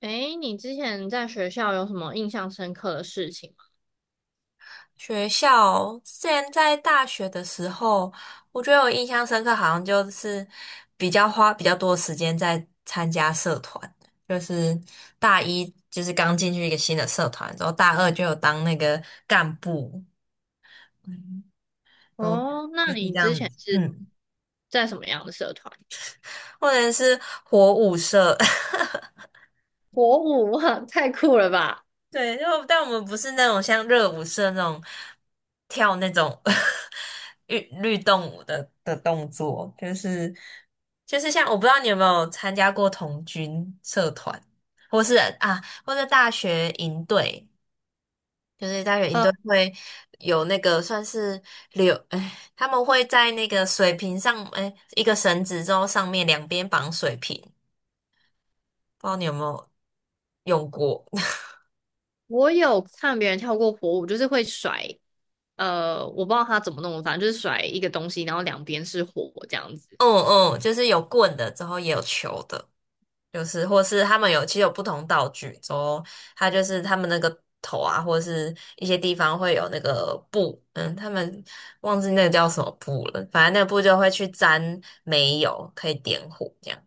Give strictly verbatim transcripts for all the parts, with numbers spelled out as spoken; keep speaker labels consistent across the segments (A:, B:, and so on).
A: 诶，你之前在学校有什么印象深刻的事情吗？
B: 学校之前在大学的时候，我觉得我印象深刻，好像就是比较花比较多时间在参加社团，就是大一就是刚进去一个新的社团，然后大二就有当那个干部，嗯，都
A: 哦，
B: 就
A: 那
B: 是这
A: 你之
B: 样
A: 前
B: 子，
A: 是
B: 嗯，
A: 在什么样的社团？
B: 或者是火舞社。
A: 火舞，哇，太酷了吧！
B: 对，因为但我们不是那种像热舞社那种跳那种 律律动舞的的动作，就是就是像我不知道你有没有参加过童军社团，或是啊，或者大学营队，就是大学营
A: 呃，
B: 队会有那个算是柳，哎，他们会在那个水瓶上，哎，一个绳子之后上面两边绑水瓶，不知道你有没有用过？
A: 我有看别人跳过火舞，就是会甩，呃，我不知道他怎么弄，反正就是甩一个东西，然后两边是火这样子。
B: 嗯嗯，就是有棍的，之后也有球的。就是或是他们有其实有不同道具，之后它就是他们那个头啊，或者是一些地方会有那个布，嗯，他们忘记那个叫什么布了，反正那个布就会去沾煤油，可以点火这样。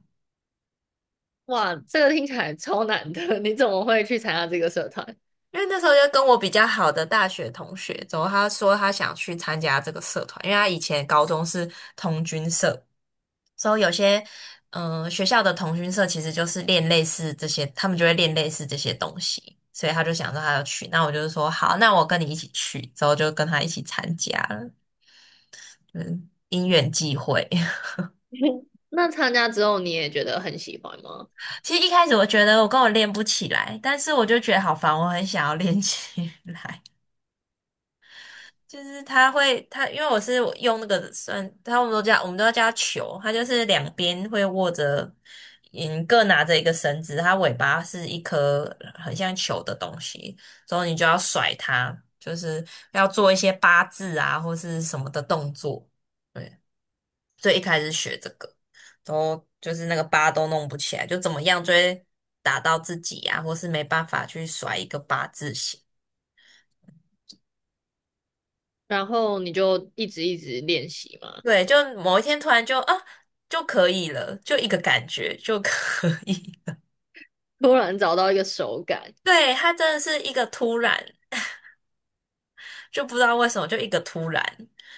A: 哇，这个听起来超难的，你怎么会去参加这个社团？
B: 因为那时候就跟我比较好的大学同学，之后他说他想去参加这个社团，因为他以前高中是童军社，所以有些嗯、呃学校的同军社其实就是练类似这些，他们就会练类似这些东西，所以他就想说他要去，那我就是说好，那我跟你一起去，之后就跟他一起参加了，嗯，因缘际会。
A: 那参加之后你也觉得很喜欢吗？
B: 其实一开始我觉得我跟我练不起来，但是我就觉得好烦，我很想要练起来。就是它会，它因为我是用那个算，他我们都叫我们都要叫它球，它就是两边会握着，嗯，各拿着一个绳子，它尾巴是一颗很像球的东西，之后你就要甩它，就是要做一些八字啊或是什么的动作。对，最一开始学这个，都就是那个八都弄不起来，就怎么样就会打到自己啊，或是没办法去甩一个八字形。
A: 然后你就一直一直练习吗？
B: 对，就某一天突然就啊就可以了，就一个感觉就可以。
A: 突然找到一个手感，
B: 对，它真的是一个突然，就不知道为什么就一个突然，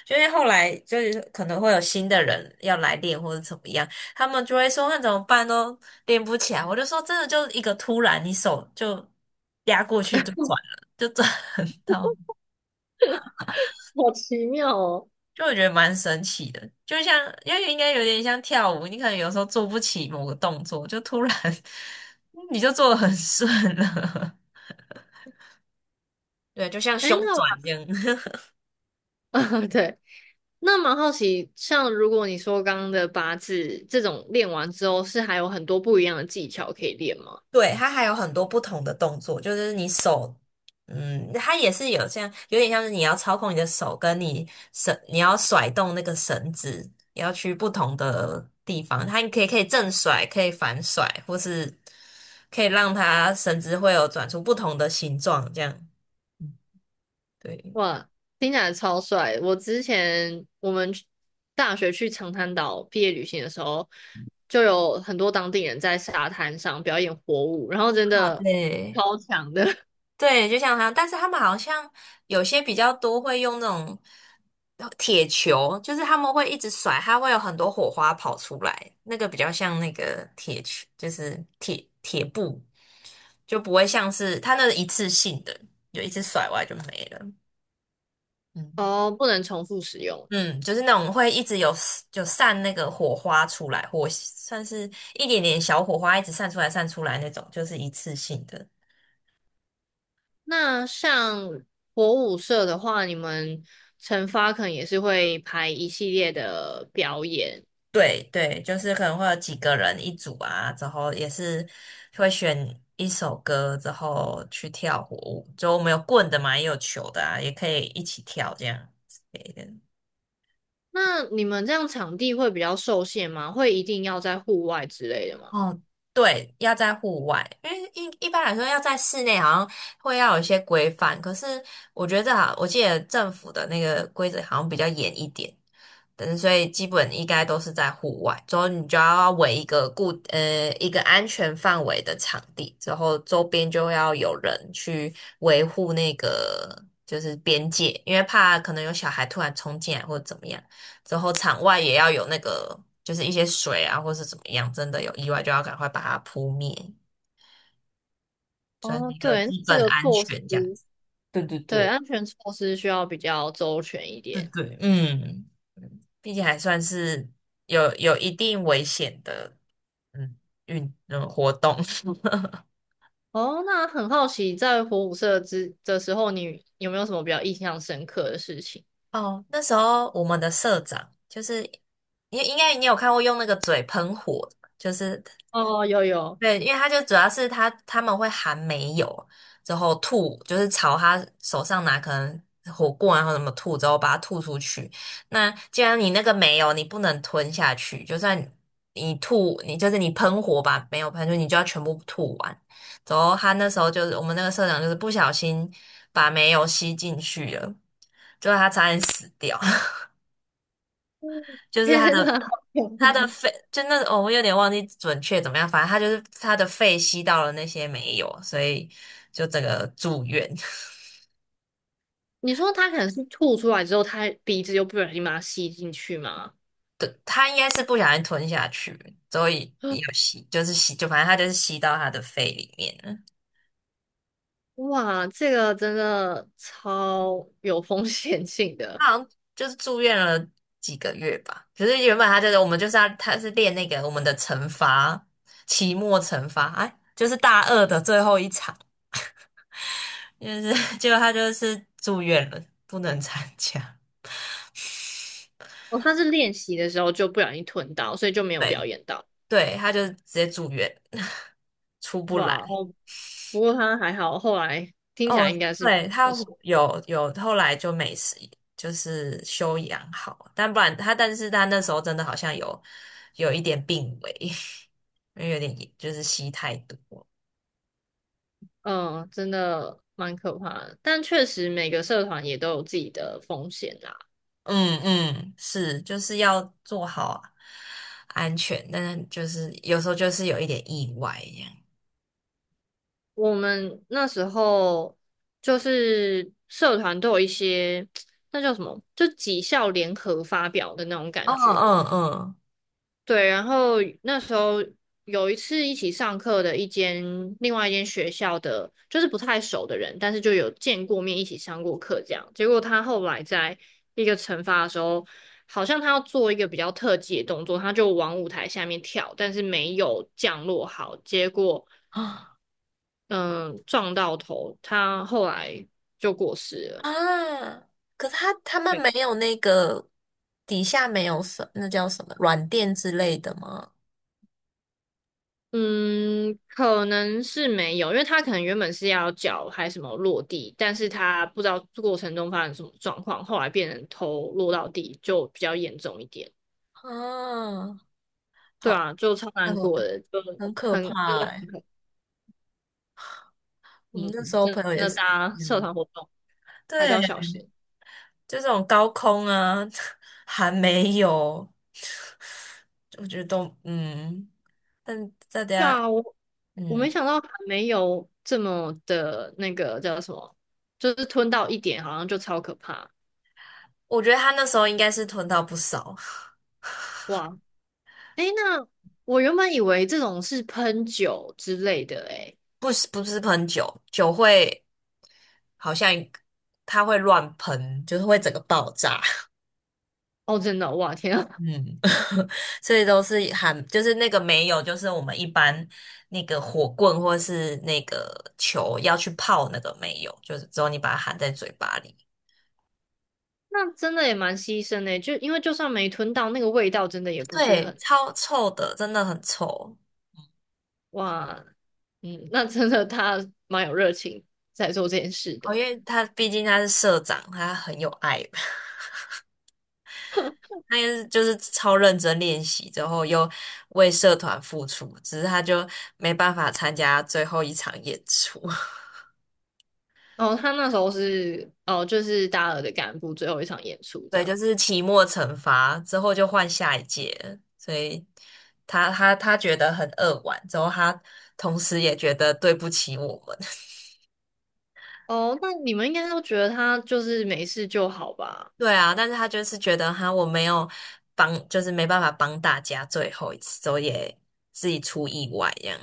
B: 就因为后来就是可能会有新的人要来练或者怎么样，他们就会说那怎么办都练不起来。我就说真的就一个突然，你手就压过去就转了，就转 到。
A: 好奇妙哦。
B: 就我觉得蛮神奇的，就像因为应该有点像跳舞，你可能有时候做不起某个动作，就突然 你就做的很顺了。对，就像
A: 哎，
B: 胸
A: 那我
B: 转一样。
A: 对，那蛮好奇，像如果你说刚刚的八字这种练完之后，是还有很多不一样的技巧可以练吗？
B: 对，它还有很多不同的动作，就是你手，嗯，它也是有像，有点像是你要操控你的手，跟你绳，你要甩动那个绳子，你要去不同的地方。它可以可以正甩，可以反甩，或是可以让它绳子会有转出不同的形状，这样。对，
A: 哇，听起来超帅！我之前我们去大学去长滩岛毕业旅行的时候，就有很多当地人在沙滩上表演火舞，然后真的
B: 对
A: 超强的
B: 对，就像他，但是他们好像有些比较多会用那种铁球，就是他们会一直甩，它会有很多火花跑出来，那个比较像那个铁球，就是铁铁布，就不会像是它那是一次性的，就一次甩完就没了。嗯，
A: 哦，不能重复使用。
B: 嗯，就是那种会一直有就散那个火花出来，火算是一点点小火花，一直散出来散出来那种，就是一次性的。
A: 那像火舞社的话，你们惩罚可能也是会排一系列的表演。
B: 对对，就是可能会有几个人一组啊，之后也是会选一首歌之后去跳火舞，就我们有棍的嘛，也有球的啊，也可以一起跳这样。
A: 那你们这样场地会比较受限吗？会一定要在户外之类的吗？
B: 哦，对，要在户外，因为一一般来说要在室内好像会要有一些规范，可是我觉得这好我记得政府的那个规则好像比较严一点，嗯，所以基本应该都是在户外，之后你就要围一个固呃一个安全范围的场地，之后周边就要有人去维护那个就是边界，因为怕可能有小孩突然冲进来或者怎么样。之后场外也要有那个，就是一些水啊，或是怎么样，真的有意外就要赶快把它扑灭，算是
A: 哦，
B: 一个
A: 对，
B: 基
A: 这
B: 本
A: 个
B: 安
A: 措施，
B: 全这样子。对对
A: 对，
B: 对，
A: 安全措施需要比较周全一
B: 对
A: 点。
B: 对，嗯，嗯毕竟还算是有有一定危险的，嗯，运嗯活动。
A: 哦，那很好奇，在火舞社之的时候，你有没有什么比较印象深刻的事情？
B: 哦，那时候我们的社长就是，你应该你有看过用那个嘴喷火的就是
A: 哦，有有，
B: 对，因为他就主要是他他们会含煤油，之后吐，就是朝他手上拿可能火锅然后什么吐，之后把它吐出去。那既然你那个没有，你不能吞下去，就算你吐，你就是你喷火把没有喷出去，你就要全部吐完。之后他那时候就是我们那个社长就是不小心把煤油吸进去了，就他差点死掉。就是他
A: 天
B: 的
A: 哪！
B: 他的肺，就那哦，我有点忘记准确怎么样，反正他就是他的肺吸到了那些没有，所以就整个住院。
A: 你说他可能是吐出来之后，他鼻子又不小心把它吸进去吗？
B: 对，他应该是不小心吞下去，所以也 有吸，就是吸，就反正他就是吸到他的肺里面了。
A: 哇，这个真的超有风险性的。
B: 他好像就是住院了几个月吧。可是原本他就是我们就是要他是练那个我们的惩罚，期末惩罚，哎，就是大二的最后一场，就是 结果他就是住院了，不能参加。
A: 哦，他是练习的时候就不小心吞到，所以就没有
B: 对。
A: 表演到。
B: 对，他就直接住院。出不来。
A: 哇，哦，不过他还好，后来听起来应
B: 哦，
A: 该是，
B: 对，他有有后来就没事，就是休养好，但不然他，但是他那时候真的好像有有一点病危。因为有点也就是吸太多。
A: 嗯，真的蛮可怕的。但确实每个社团也都有自己的风险啦。
B: 嗯嗯，是，就是要做好安全，但是就是有时候就是有一点意外一样。
A: 我们那时候就是社团都有一些，那叫什么，就几校联合发表的那种感
B: 嗯
A: 觉。
B: 嗯
A: 对，然后那时候有一次一起上课的一间另外一间学校的，就是不太熟的人，但是就有见过面，一起上过课这样。结果他后来在一个惩罚的时候，好像他要做一个比较特技的动作，他就往舞台下面跳，但是没有降落好，结果
B: 嗯，
A: 嗯撞到头，他后来就过世了。
B: 啊，可是他他们没有那个底下没有什那叫什么软垫之类的吗？
A: 嗯，可能是没有，因为他可能原本是要脚还什么落地，但是他不知道过程中发生什么状况，后来变成头落到地，就比较严重一点。
B: 啊，
A: 对
B: 好，
A: 啊，就超
B: 那
A: 难
B: 很
A: 过的，就
B: 很可
A: 很真
B: 怕
A: 的很
B: 哎、我
A: 嗯，
B: 们那时候
A: 真
B: 朋友也
A: 的
B: 是，
A: 大家社
B: 嗯，
A: 团活动
B: 对，
A: 还是要小心。
B: 就这种高空啊，还没有，我觉得都嗯，但大
A: 对
B: 家
A: 啊，我我没
B: 嗯，
A: 想到还没有这么的那个叫什么，就是吞到一点，好像就超可怕
B: 我觉得他那时候应该是囤到不少。
A: 哇！诶，那我原本以为这种是喷酒之类的，诶。
B: 不是不是喷酒，酒会好像它会乱喷，就是会整个爆炸。
A: 哦，真的，哇天啊，
B: 嗯，所以都是含，就是那个没有，就是我们一般那个火棍或是那个球要去泡那个没有，就是只有你把它含在嘴巴里。
A: 那真的也蛮牺牲的欸，就因为就算没吞到，那个味道真的也不是
B: 对，
A: 很，
B: 超臭的，真的很臭。
A: 哇，嗯，那真的他蛮有热情在做这件事
B: 哦，因
A: 的。
B: 为他毕竟他是社长，他很有爱。他也是就是超认真练习之后，又为社团付出，只是他就没办法参加最后一场演出。
A: 哦，他那时候是哦，就是大二的干部最后一场演出 这
B: 对，就
A: 样。
B: 是期末惩罚之后就换下一届了所以他他他觉得很扼腕，之后他同时也觉得对不起我们。
A: 哦，那你们应该都觉得他就是没事就好吧？
B: 对啊，但是他就是觉得哈，我没有帮，就是没办法帮大家最后一次，之后也自己出意外这样。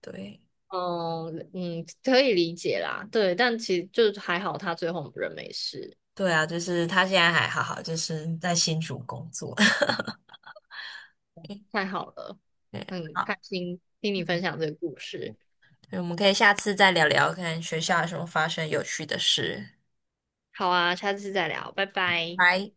B: 对。
A: 哦，嗯，可以理解啦，对，但其实就还好，他最后人没事，
B: 对啊，就是他现在还好好，就是在新竹工作。
A: 太好了，
B: 对，
A: 很
B: 好，
A: 开心听你分享这个故事。
B: 我们可以下次再聊聊看学校有什么发生有趣的事。
A: 好啊，下次再聊，拜拜。
B: 拜。